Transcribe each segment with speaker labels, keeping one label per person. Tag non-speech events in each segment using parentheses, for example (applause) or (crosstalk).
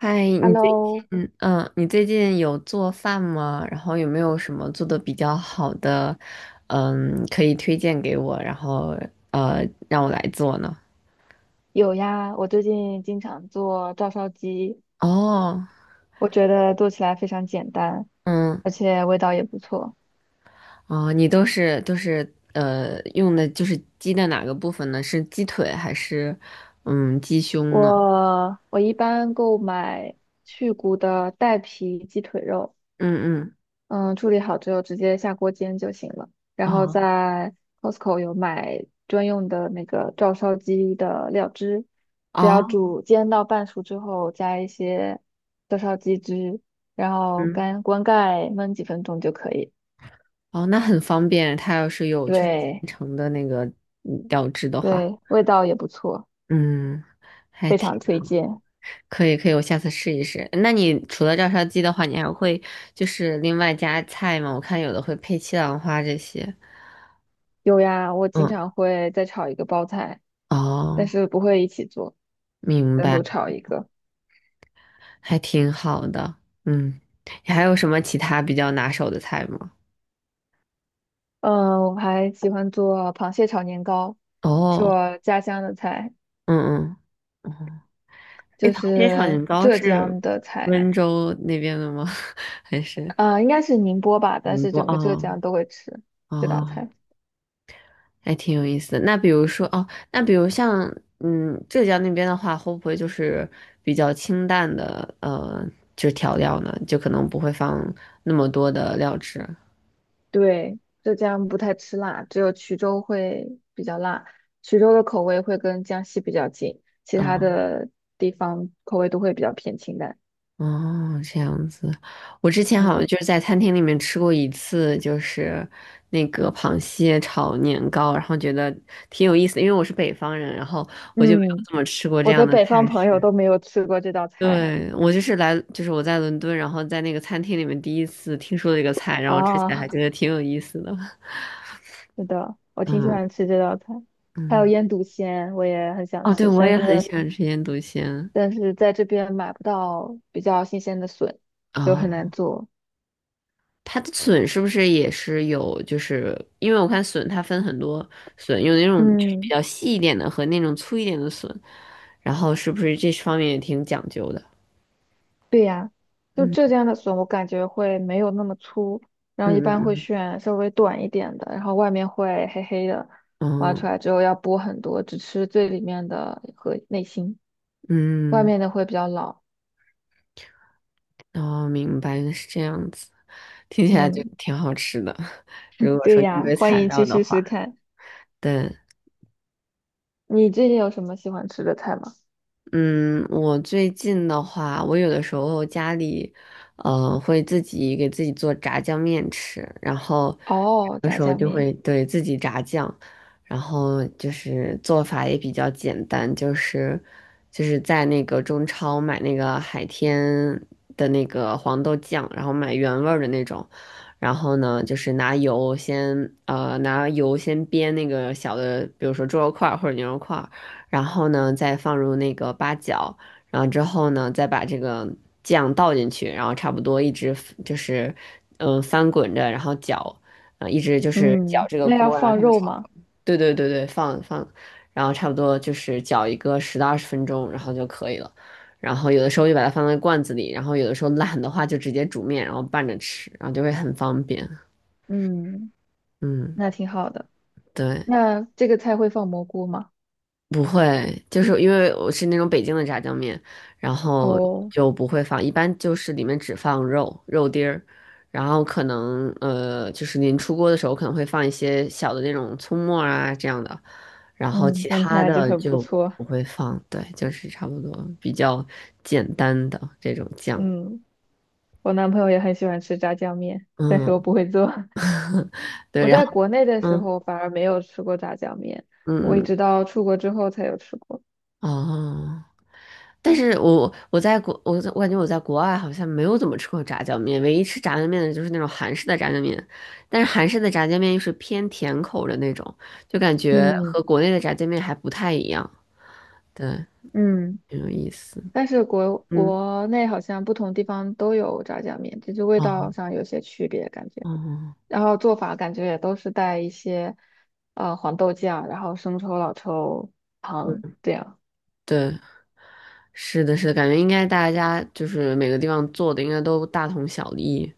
Speaker 1: 嗨，
Speaker 2: Hello，
Speaker 1: 你最近有做饭吗？然后有没有什么做的比较好的，可以推荐给我，然后让我来做呢？
Speaker 2: 有呀，我最近经常做照烧鸡，
Speaker 1: 哦。
Speaker 2: 我觉得做起来非常简单，
Speaker 1: 嗯。
Speaker 2: 而且味道也不错。
Speaker 1: 哦。你都是用的就是鸡的哪个部分呢？是鸡腿还是鸡胸呢？
Speaker 2: 我一般购买去骨的带皮鸡腿肉，
Speaker 1: 嗯嗯。
Speaker 2: 嗯，处理好之后直接下锅煎就行了。然后
Speaker 1: 哦。
Speaker 2: 在 Costco 有买专用的那个照烧鸡的料汁，只要
Speaker 1: 哦。
Speaker 2: 煮煎到半熟之后，加一些照烧鸡汁，然后
Speaker 1: 嗯。
Speaker 2: 干关盖焖几分钟就可以了。
Speaker 1: 哦，那很方便，它要是有就是现
Speaker 2: 对
Speaker 1: 成的那个料汁的话，
Speaker 2: 对，味道也不错，
Speaker 1: 嗯。还
Speaker 2: 非常
Speaker 1: 挺。
Speaker 2: 推荐。
Speaker 1: 可以可以，我下次试一试。那你除了照烧鸡的话，你还会就是另外加菜吗？我看有的会配西兰花这些。
Speaker 2: 有呀，我经
Speaker 1: 嗯。
Speaker 2: 常会再炒一个包菜，但
Speaker 1: 哦，
Speaker 2: 是不会一起做，
Speaker 1: 明
Speaker 2: 单
Speaker 1: 白。
Speaker 2: 独炒一个。
Speaker 1: 还挺好的。嗯，你还有什么其他比较拿手的菜吗？
Speaker 2: 嗯，我还喜欢做螃蟹炒年糕，是
Speaker 1: 哦。
Speaker 2: 我家乡的菜，
Speaker 1: 嗯嗯。哎，
Speaker 2: 就
Speaker 1: 螃蟹炒
Speaker 2: 是
Speaker 1: 年糕
Speaker 2: 浙江
Speaker 1: 是
Speaker 2: 的菜，
Speaker 1: 温州那边的吗？(laughs) 还是
Speaker 2: 啊、应该是宁波吧，但
Speaker 1: 宁
Speaker 2: 是
Speaker 1: 波？
Speaker 2: 整个浙
Speaker 1: 哦。
Speaker 2: 江都会吃这道
Speaker 1: 哦，
Speaker 2: 菜。
Speaker 1: 还挺有意思的。那比如像浙江那边的话，会不会就是比较清淡的就是调料呢？就可能不会放那么多的料汁。
Speaker 2: 对，浙江不太吃辣，只有衢州会比较辣。衢州的口味会跟江西比较近，其他
Speaker 1: 哦。
Speaker 2: 的地方口味都会比较偏清淡。
Speaker 1: 哦，这样子。我之前好像
Speaker 2: 嗯
Speaker 1: 就是在餐厅里面吃过一次，就是那个螃蟹炒年糕，然后觉得挺有意思的，因为我是北方人，然后我就没有
Speaker 2: 嗯，
Speaker 1: 怎么吃过这
Speaker 2: 我
Speaker 1: 样
Speaker 2: 的
Speaker 1: 的
Speaker 2: 北方
Speaker 1: 菜
Speaker 2: 朋友
Speaker 1: 式。
Speaker 2: 都没有吃过这道菜
Speaker 1: 对，我就是来，就是我在伦敦，然后在那个餐厅里面第一次听说这个菜，然后吃起来
Speaker 2: 啊，
Speaker 1: 还觉得
Speaker 2: (laughs)
Speaker 1: 挺有意思的。
Speaker 2: 是的，我挺喜
Speaker 1: 嗯
Speaker 2: 欢吃这道菜，还有
Speaker 1: 嗯。
Speaker 2: 腌笃鲜，我也很想
Speaker 1: 哦，对，
Speaker 2: 吃，
Speaker 1: 我
Speaker 2: 但
Speaker 1: 也很
Speaker 2: 是
Speaker 1: 喜欢吃腌笃鲜。
Speaker 2: 在这边买不到比较新鲜的笋，就很
Speaker 1: 哦。
Speaker 2: 难做。
Speaker 1: 它的笋是不是也是有？就是因为我看笋它分很多笋，有那种就是比
Speaker 2: 嗯。
Speaker 1: 较细一点的和那种粗一点的笋，然后是不是这方面也挺讲究的？
Speaker 2: 对呀，就浙江的笋，我感觉会没有那么粗，然
Speaker 1: 嗯
Speaker 2: 后一般会
Speaker 1: 嗯。
Speaker 2: 选稍微短一点的，然后外面会黑黑的，挖
Speaker 1: 嗯
Speaker 2: 出
Speaker 1: 嗯。
Speaker 2: 来之后要剥很多，只吃最里面的和内心，外
Speaker 1: 嗯。
Speaker 2: 面的会比较老。
Speaker 1: 哦，明白，原来是这样子，听起来就
Speaker 2: 嗯，
Speaker 1: 挺好吃的。(laughs) 如果
Speaker 2: 对
Speaker 1: 说应
Speaker 2: 呀，
Speaker 1: 对
Speaker 2: 欢
Speaker 1: 材
Speaker 2: 迎
Speaker 1: 料
Speaker 2: 去
Speaker 1: 的
Speaker 2: 试试
Speaker 1: 话，
Speaker 2: 看。
Speaker 1: 对。
Speaker 2: 你最近有什么喜欢吃的菜吗？
Speaker 1: 嗯，我最近的话，我有的时候家里，会自己给自己做炸酱面吃，然后有
Speaker 2: 哦，
Speaker 1: 的
Speaker 2: 炸
Speaker 1: 时候
Speaker 2: 酱
Speaker 1: 就
Speaker 2: 面。
Speaker 1: 会对自己炸酱，然后就是做法也比较简单，就是在那个中超买那个海天的那个黄豆酱，然后买原味儿的那种，然后呢，就是拿油先煸那个小的，比如说猪肉块儿或者牛肉块。然后呢再放入那个八角，然后之后呢再把这个酱倒进去，然后差不多一直 翻滚着，然后搅，一直就是搅
Speaker 2: 嗯，
Speaker 1: 这个
Speaker 2: 那要
Speaker 1: 锅，然后
Speaker 2: 放
Speaker 1: 他们
Speaker 2: 肉
Speaker 1: 炒。
Speaker 2: 吗？
Speaker 1: 对对对对，放放，然后差不多就是搅一个十到二十分钟，然后就可以了。然后有的时候就把它放在罐子里，然后有的时候懒的话就直接煮面，然后拌着吃，然后就会很方便。
Speaker 2: 嗯，
Speaker 1: 嗯。
Speaker 2: 那挺好的。
Speaker 1: 对。
Speaker 2: 那这个菜会放蘑菇吗？
Speaker 1: 不会，就是因为我是那种北京的炸酱面，然后
Speaker 2: 哦，
Speaker 1: 就不会放，一般就是里面只放肉、肉丁儿，然后可能就是您出锅的时候可能会放一些小的那种葱末儿啊这样的，然后
Speaker 2: 嗯，
Speaker 1: 其
Speaker 2: 闻起
Speaker 1: 他
Speaker 2: 来就
Speaker 1: 的
Speaker 2: 很不
Speaker 1: 就
Speaker 2: 错。
Speaker 1: 不会放。对，就是差不多比较简单的这种酱。
Speaker 2: 嗯。我男朋友也很喜欢吃炸酱面，但是我
Speaker 1: 嗯。
Speaker 2: 不会做。(laughs) 我
Speaker 1: 对，然
Speaker 2: 在
Speaker 1: 后
Speaker 2: 国内的时
Speaker 1: 嗯
Speaker 2: 候反而没有吃过炸酱面，我
Speaker 1: 嗯。
Speaker 2: 一
Speaker 1: 嗯。
Speaker 2: 直到出国之后才有吃过。
Speaker 1: 哦。但是我感觉我在国外好像没有怎么吃过炸酱面，唯一吃炸酱面的就是那种韩式的炸酱面，但是韩式的炸酱面又是偏甜口的那种，就感觉和
Speaker 2: 嗯
Speaker 1: 国内的炸酱面还不太一样。对，
Speaker 2: 嗯，
Speaker 1: 很有意思。
Speaker 2: 但是国
Speaker 1: 嗯。
Speaker 2: 国内好像不同地方都有炸酱面，只是味
Speaker 1: 哦。
Speaker 2: 道上有些区别感觉，
Speaker 1: 哦，
Speaker 2: 然后做法感觉也都是带一些黄豆酱，然后生抽、老抽、糖这样。
Speaker 1: 对，是的，是的，感觉应该大家就是每个地方做的应该都大同小异，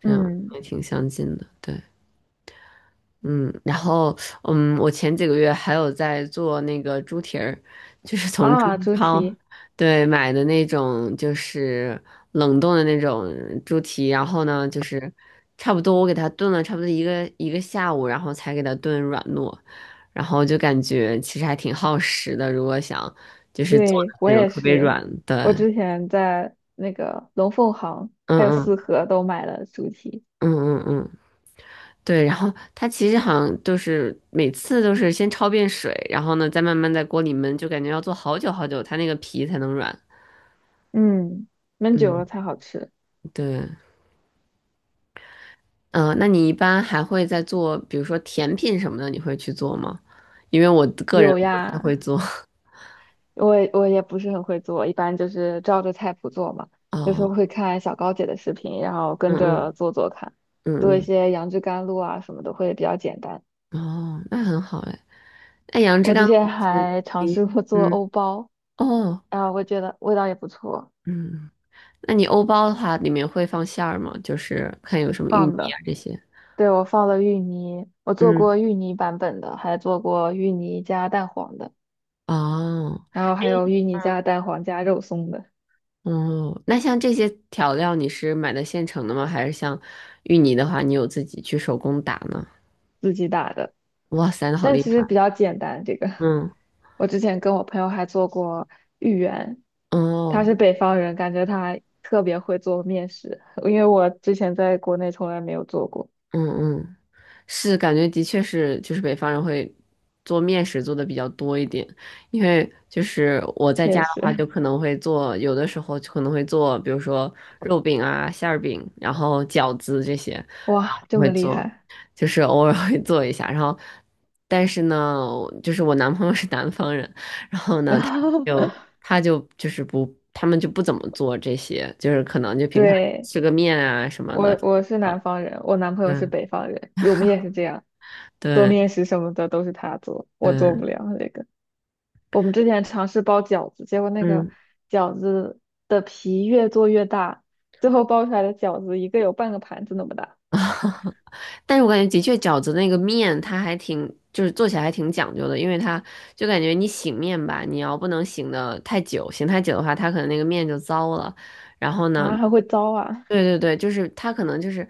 Speaker 1: 这样
Speaker 2: 嗯，
Speaker 1: 也挺相近的。对。嗯，然后嗯，我前几个月还有在做那个猪蹄儿，就是从中
Speaker 2: 啊，猪
Speaker 1: 超
Speaker 2: 蹄。
Speaker 1: 对买的那种，就是冷冻的那种猪蹄，然后呢，就是差不多我给它炖了差不多一个下午，然后才给它炖软糯，然后就感觉其实还挺耗时的，如果想就是做的
Speaker 2: 对，我
Speaker 1: 那种
Speaker 2: 也
Speaker 1: 特别
Speaker 2: 是，
Speaker 1: 软
Speaker 2: 我
Speaker 1: 的。
Speaker 2: 之前在那个龙凤行
Speaker 1: 嗯
Speaker 2: 还有四
Speaker 1: 嗯。
Speaker 2: 合都买了猪蹄，
Speaker 1: 嗯嗯。嗯。对，然后它其实好像就是每次都是先焯遍水，然后呢再慢慢在锅里焖，就感觉要做好久好久，它那个皮才能软。
Speaker 2: 嗯，焖久了
Speaker 1: 嗯。
Speaker 2: 才好吃。
Speaker 1: 对。嗯、那你一般还会再做，比如说甜品什么的，你会去做吗？因为我个人
Speaker 2: 有
Speaker 1: 不太
Speaker 2: 呀，
Speaker 1: 会做。(laughs)
Speaker 2: 我也不是很会做，一般就是照着菜谱做嘛，有时候
Speaker 1: 哦。
Speaker 2: 会看小高姐的视频，然后跟着
Speaker 1: 嗯
Speaker 2: 做做看，做
Speaker 1: 嗯。
Speaker 2: 一
Speaker 1: 嗯
Speaker 2: 些杨枝甘露啊什么的会比较简单。
Speaker 1: 嗯。哦，那很好哎。那杨枝
Speaker 2: 我
Speaker 1: 甘
Speaker 2: 之前
Speaker 1: 露是
Speaker 2: 还尝
Speaker 1: 你
Speaker 2: 试过做
Speaker 1: 嗯，
Speaker 2: 欧包，
Speaker 1: 哦。
Speaker 2: 然后我觉得味道也不错，
Speaker 1: 嗯。那你欧包的话，里面会放馅儿吗？就是看有什么芋
Speaker 2: 放
Speaker 1: 泥啊
Speaker 2: 的。
Speaker 1: 这些。
Speaker 2: 对，我放了芋泥，我做过
Speaker 1: 嗯。
Speaker 2: 芋泥版本的，还做过芋泥加蛋黄的，
Speaker 1: 哦。
Speaker 2: 然后还有
Speaker 1: 哎。
Speaker 2: 芋泥加蛋黄加肉松的，
Speaker 1: 哦，那像这些调料你是买的现成的吗？还是像芋泥的话，你有自己去手工打呢？
Speaker 2: 自己打的。
Speaker 1: 哇塞，那好
Speaker 2: 但
Speaker 1: 厉
Speaker 2: 其实比
Speaker 1: 害！
Speaker 2: 较简单，这个 (laughs)
Speaker 1: 嗯。
Speaker 2: 我之前跟我朋友还做过芋圆，他
Speaker 1: 哦。
Speaker 2: 是北方人，感觉他特别会做面食，因为我之前在国内从来没有做过，
Speaker 1: 嗯嗯。是感觉的确是，就是北方人会做面食做的比较多一点，因为就是我在
Speaker 2: 确
Speaker 1: 家的话，
Speaker 2: 实，
Speaker 1: 就可能会做，有的时候就可能会做，比如说肉饼啊、馅儿饼，然后饺子这些，然
Speaker 2: 哇，
Speaker 1: 后我
Speaker 2: 这么
Speaker 1: 会
Speaker 2: 厉
Speaker 1: 做，
Speaker 2: 害。
Speaker 1: 就是偶尔会做一下。然后，但是呢，就是我男朋友是南方人，然后
Speaker 2: (laughs)
Speaker 1: 呢，
Speaker 2: 然后，
Speaker 1: 就他们就不怎么做这些，就是可能就平常
Speaker 2: 对，
Speaker 1: 吃个面啊什么的。
Speaker 2: 我是南方人，我男朋友是
Speaker 1: 嗯。
Speaker 2: 北方人，我们也是这样。做
Speaker 1: 对。
Speaker 2: 面食什么的都是他做，我做
Speaker 1: 对。
Speaker 2: 不了那个。我们之前尝试包饺子，结果那个
Speaker 1: 嗯，
Speaker 2: 饺子的皮越做越大，最后包出来的饺子一个有半个盘子那么大
Speaker 1: 但是我感觉的确饺子那个面它还挺，就是做起来还挺讲究的，因为它就感觉你醒面吧，你要不能醒的太久，醒太久的话，它可能那个面就糟了。然后呢，
Speaker 2: 啊，还会糟啊！
Speaker 1: 对对对，就是它可能就是，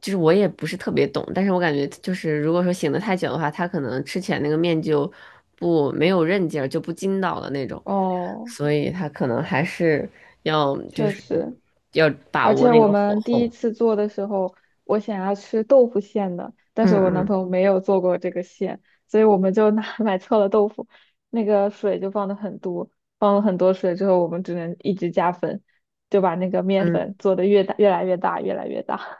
Speaker 1: 就是我也不是特别懂，但是我感觉就是如果说醒的太久的话，它可能吃起来那个面就不没有韧劲儿，就不筋道了那种，
Speaker 2: 哦，
Speaker 1: 所以它可能还是要就
Speaker 2: 确
Speaker 1: 是
Speaker 2: 实，
Speaker 1: 要把
Speaker 2: 而
Speaker 1: 握
Speaker 2: 且
Speaker 1: 那
Speaker 2: 我
Speaker 1: 个火
Speaker 2: 们第一
Speaker 1: 候。
Speaker 2: 次做的时候，我想要吃豆腐馅的，但
Speaker 1: 嗯
Speaker 2: 是我男
Speaker 1: 嗯。
Speaker 2: 朋友没有做过这个馅，所以我们就拿 (laughs) 买错了豆腐，那个水就放的很多，放了很多水之后，我们只能一直加粉，就把那个面
Speaker 1: 嗯。
Speaker 2: 粉做的越大，越来越大，越来越大。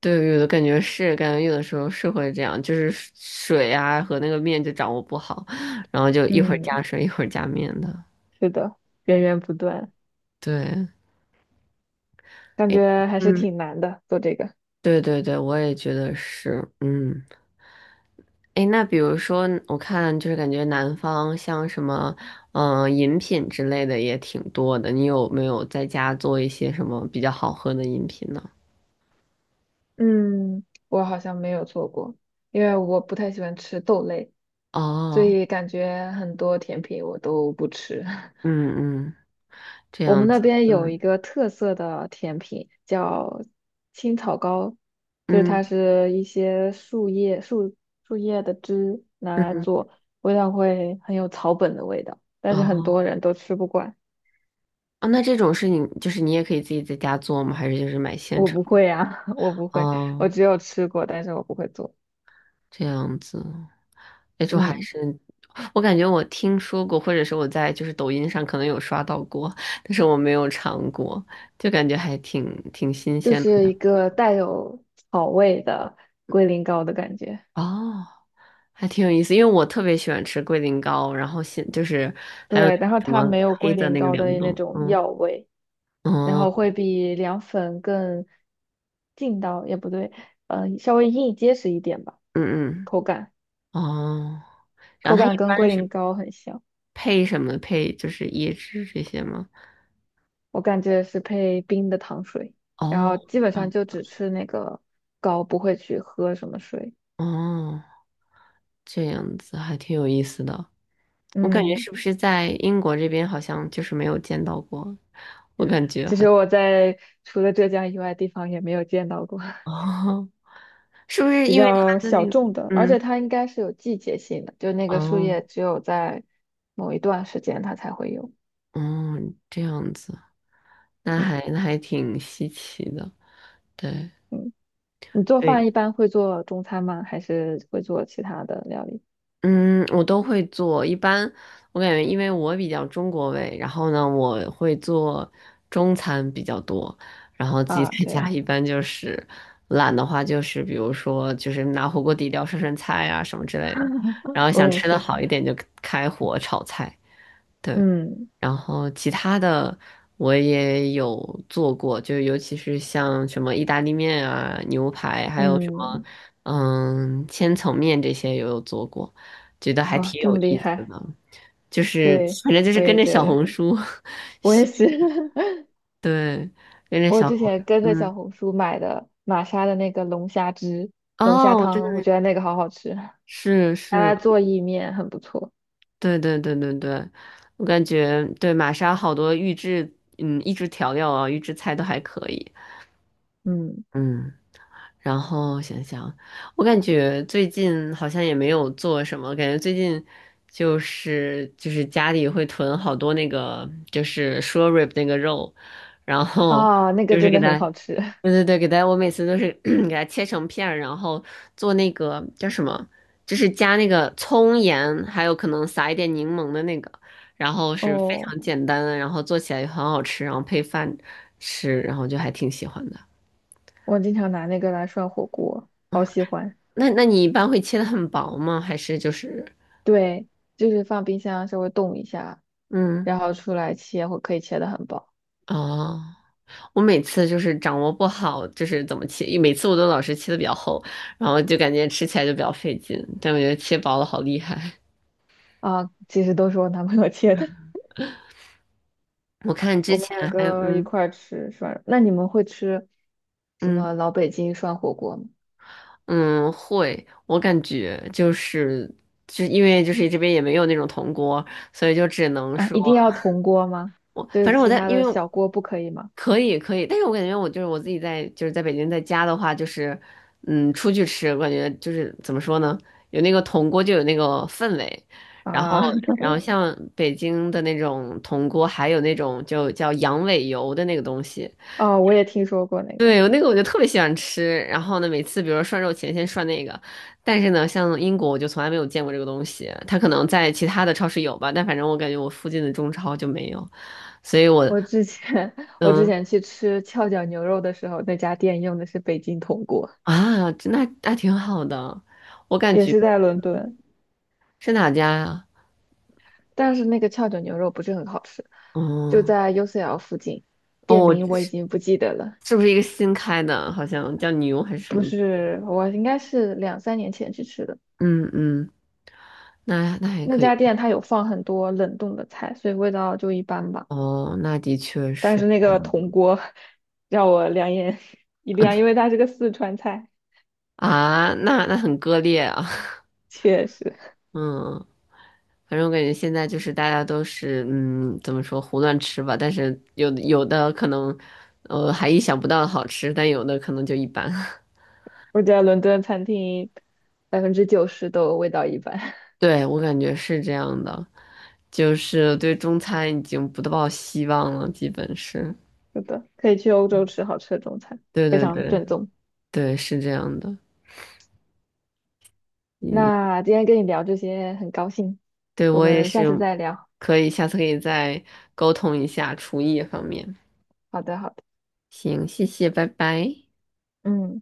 Speaker 1: 对，有的感觉是，感觉有的时候是会这样，就是水啊和那个面就掌握不好，然后就
Speaker 2: (laughs)
Speaker 1: 一会儿加
Speaker 2: 嗯，
Speaker 1: 水，一会儿加面的。
Speaker 2: 是的，源源不断，
Speaker 1: 对。
Speaker 2: 感觉还是
Speaker 1: 嗯。
Speaker 2: 挺难的，做这个。
Speaker 1: 对对对，我也觉得是。嗯，诶，那比如说，我看就是感觉南方像什么，饮品之类的也挺多的。你有没有在家做一些什么比较好喝的饮品呢？
Speaker 2: 嗯，我好像没有做过，因为我不太喜欢吃豆类，所
Speaker 1: 哦。
Speaker 2: 以感觉很多甜品我都不吃。
Speaker 1: 嗯嗯。这
Speaker 2: 我
Speaker 1: 样
Speaker 2: 们那
Speaker 1: 子。
Speaker 2: 边有一
Speaker 1: 嗯。
Speaker 2: 个特色的甜品叫青草糕，就是它
Speaker 1: 嗯。
Speaker 2: 是一些树叶的汁拿来
Speaker 1: 嗯。
Speaker 2: 做，味道会很有草本的味道，但是很
Speaker 1: 哦。
Speaker 2: 多人都吃不惯。
Speaker 1: 啊，那这种是你就是你也可以自己在家做吗？还是就是买现
Speaker 2: 我
Speaker 1: 成
Speaker 2: 不
Speaker 1: 的？
Speaker 2: 会呀、(laughs) 我不会，我
Speaker 1: 哦，
Speaker 2: 只有吃过，但是我不会做。
Speaker 1: 这样子。那就还
Speaker 2: 嗯，
Speaker 1: 是我感觉我听说过，或者是我在就是抖音上可能有刷到过，但是我没有尝过，就感觉还挺挺新
Speaker 2: 就
Speaker 1: 鲜
Speaker 2: 是
Speaker 1: 的。
Speaker 2: 一个带有草味的龟苓膏的感觉。
Speaker 1: 哦，还挺有意思，因为我特别喜欢吃龟苓膏，然后现就是还有那
Speaker 2: 对，然
Speaker 1: 个
Speaker 2: 后
Speaker 1: 什
Speaker 2: 它
Speaker 1: 么
Speaker 2: 没有
Speaker 1: 黑
Speaker 2: 龟
Speaker 1: 的
Speaker 2: 苓
Speaker 1: 那个
Speaker 2: 膏
Speaker 1: 凉
Speaker 2: 的那
Speaker 1: 豆。
Speaker 2: 种
Speaker 1: 嗯。
Speaker 2: 药味。然
Speaker 1: 哦。
Speaker 2: 后会比凉粉更劲道，也不对，稍微硬结实一点吧，
Speaker 1: 嗯嗯。
Speaker 2: 口感
Speaker 1: 哦，然
Speaker 2: 口
Speaker 1: 后它一
Speaker 2: 感跟
Speaker 1: 般
Speaker 2: 龟
Speaker 1: 是
Speaker 2: 苓膏很像，
Speaker 1: 配什么？配就是椰汁这些吗？
Speaker 2: 我感觉是配冰的糖水，然
Speaker 1: 哦。
Speaker 2: 后基本上
Speaker 1: 上。
Speaker 2: 就只吃那个膏，不会去喝什么水。
Speaker 1: 哦，这样子还挺有意思的。我感觉
Speaker 2: 嗯，
Speaker 1: 是不是在英国这边好像就是没有见到过？我感觉
Speaker 2: 其
Speaker 1: 好
Speaker 2: 实
Speaker 1: 像
Speaker 2: 我在除了浙江以外地方也没有见到过
Speaker 1: 哦，
Speaker 2: (laughs)
Speaker 1: (laughs) 是不是
Speaker 2: 比
Speaker 1: 因为他
Speaker 2: 较
Speaker 1: 的
Speaker 2: 小
Speaker 1: 那个
Speaker 2: 众的，而且它应该是有季节性的，就那个树
Speaker 1: 哦。
Speaker 2: 叶只有在某一段时间它才会有。
Speaker 1: 哦，这样子，
Speaker 2: 嗯
Speaker 1: 那还挺稀奇的。对。
Speaker 2: 嗯。你做
Speaker 1: 对。
Speaker 2: 饭一般会做中餐吗？还是会做其他的料理
Speaker 1: 嗯，我都会做。一般我感觉，因为我比较中国胃，然后呢，我会做中餐比较多。然后自己
Speaker 2: 啊？
Speaker 1: 在
Speaker 2: 这
Speaker 1: 家
Speaker 2: 样，
Speaker 1: 一般就是懒的话，就是比如说就是拿火锅底料涮涮菜啊什么之类的。然
Speaker 2: (laughs)
Speaker 1: 后
Speaker 2: 我
Speaker 1: 想
Speaker 2: 也
Speaker 1: 吃的
Speaker 2: 是，
Speaker 1: 好一点，就开火炒菜。对，
Speaker 2: 嗯
Speaker 1: 然后其他的我也有做过，就尤其是像什么意大利面啊、牛排，还有什么
Speaker 2: 嗯，
Speaker 1: 千层面这些也有做过，觉得还
Speaker 2: 啊，
Speaker 1: 挺
Speaker 2: 这
Speaker 1: 有
Speaker 2: 么厉
Speaker 1: 意思
Speaker 2: 害，
Speaker 1: 的。就是
Speaker 2: 对，
Speaker 1: 反正就是
Speaker 2: 我
Speaker 1: 跟
Speaker 2: 也
Speaker 1: 着
Speaker 2: 觉
Speaker 1: 小
Speaker 2: 得，
Speaker 1: 红书。(laughs)
Speaker 2: 我也
Speaker 1: 学。
Speaker 2: 是，(laughs)
Speaker 1: 对，跟着
Speaker 2: 我
Speaker 1: 小
Speaker 2: 之
Speaker 1: 红
Speaker 2: 前
Speaker 1: 书。
Speaker 2: 跟着小
Speaker 1: 嗯。
Speaker 2: 红书买的玛莎的那个龙虾汁、龙虾
Speaker 1: 哦，我知道
Speaker 2: 汤，我
Speaker 1: 那个。
Speaker 2: 觉得那个好好吃，拿
Speaker 1: 是是。
Speaker 2: 来做意面很不错，
Speaker 1: 对对对对对，我感觉对玛莎好多预制，嗯，预制调料啊，预制菜都还可以。
Speaker 2: 嗯，
Speaker 1: 嗯。然后想想，我感觉最近好像也没有做什么，感觉最近就是家里会囤好多那个就是 s h r rib 那个肉，然后
Speaker 2: 啊，那个
Speaker 1: 就是
Speaker 2: 真
Speaker 1: 给
Speaker 2: 的很
Speaker 1: 它，
Speaker 2: 好吃，
Speaker 1: 对对对，给它，我每次都是 (clears throat) 给它切成片儿然后做那个叫什么，就是加那个葱盐，还有可能撒一点柠檬的那个，然后
Speaker 2: (laughs)
Speaker 1: 是非
Speaker 2: 哦，
Speaker 1: 常简单的，然后做起来也很好吃，然后配饭吃，然后就还挺喜欢的。
Speaker 2: 我经常拿那个来涮火锅，好喜欢，
Speaker 1: 那你一般会切的很薄吗？还是就是
Speaker 2: 对。就是放冰箱稍微冻一下，
Speaker 1: 嗯
Speaker 2: 然后出来切会可以切的很薄
Speaker 1: 哦，我每次就是掌握不好，就是怎么切，每次我都老是切的比较厚，然后就感觉吃起来就比较费劲。但我觉得切薄了好厉害。
Speaker 2: 啊。其实都是我男朋友切的，(laughs)
Speaker 1: 我看之
Speaker 2: 我们两
Speaker 1: 前还有
Speaker 2: 个一
Speaker 1: 嗯。
Speaker 2: 块儿吃涮肉。那你们会吃什
Speaker 1: 嗯
Speaker 2: 么老北京涮火锅吗？
Speaker 1: 嗯。会，我感觉就是就因为就是这边也没有那种铜锅，所以就只能
Speaker 2: 啊，
Speaker 1: 说。
Speaker 2: 一定要铜锅吗？
Speaker 1: 我
Speaker 2: 就
Speaker 1: 反
Speaker 2: 是
Speaker 1: 正我
Speaker 2: 其
Speaker 1: 在，
Speaker 2: 他
Speaker 1: 因
Speaker 2: 的
Speaker 1: 为
Speaker 2: 小锅不可以吗？
Speaker 1: 可以可以，但是我感觉我自己在就是在北京在家的话，就是出去吃，我感觉就是怎么说呢，有那个铜锅就有那个氛围。然后
Speaker 2: 啊，(laughs)
Speaker 1: 像北京的那种铜锅，还有那种就叫羊尾油的那个东西，
Speaker 2: 哦，我也听说过那个。
Speaker 1: 对，有那个我就特别喜欢吃，然后呢每次比如说涮肉前先涮那个，但是呢像英国我就从来没有见过这个东西，它可能在其他的超市有吧，但反正我感觉我附近的中超就没有，所以我。
Speaker 2: 我之前 (laughs) 我之
Speaker 1: 嗯。
Speaker 2: 前去吃翘脚牛肉的时候，那家店用的是北京铜锅，
Speaker 1: 啊，那挺好的，我感
Speaker 2: 也
Speaker 1: 觉
Speaker 2: 是在伦敦，
Speaker 1: 是哪家呀？
Speaker 2: 但是那个翘脚牛肉不是很好吃，就
Speaker 1: 嗯。
Speaker 2: 在 UCL 附近，店
Speaker 1: 哦，我
Speaker 2: 名我已
Speaker 1: 是
Speaker 2: 经不记得了。
Speaker 1: 是不是一个新开的？好像叫牛还是什
Speaker 2: 不
Speaker 1: 么？
Speaker 2: 是，我应该是两三年前去吃的。
Speaker 1: 嗯嗯。那那还
Speaker 2: 那
Speaker 1: 可以。
Speaker 2: 家店它有放很多冷冻的菜，所以味道就一般吧。
Speaker 1: 哦，那的确
Speaker 2: 但
Speaker 1: 是
Speaker 2: 是那
Speaker 1: 这
Speaker 2: 个
Speaker 1: 样。
Speaker 2: 铜锅 (laughs) 让我两眼 (laughs) 一亮，因为它是个四川菜，
Speaker 1: 啊，那很割裂啊。(laughs)
Speaker 2: 确实，
Speaker 1: 嗯，反正我感觉现在就是大家都是嗯，怎么说胡乱吃吧，但是有的有的可能还意想不到的好吃，但有的可能就一般。(laughs)
Speaker 2: 我觉得伦敦餐厅90%都味道一般。
Speaker 1: 对，我感觉是这样的。就是对中餐已经不抱希望了，基本是。
Speaker 2: (laughs) 是的，可以去欧洲吃好吃的中餐，
Speaker 1: 对
Speaker 2: 非
Speaker 1: 对
Speaker 2: 常
Speaker 1: 对
Speaker 2: 正宗。
Speaker 1: 对，是这样的。嗯，
Speaker 2: 那今天跟你聊这些很高兴，
Speaker 1: 对
Speaker 2: 我
Speaker 1: 我也
Speaker 2: 们下次
Speaker 1: 是，
Speaker 2: 再聊。
Speaker 1: 可以下次可以再沟通一下厨艺方面。
Speaker 2: 好的，好的，
Speaker 1: 行，谢谢，拜拜。
Speaker 2: 嗯。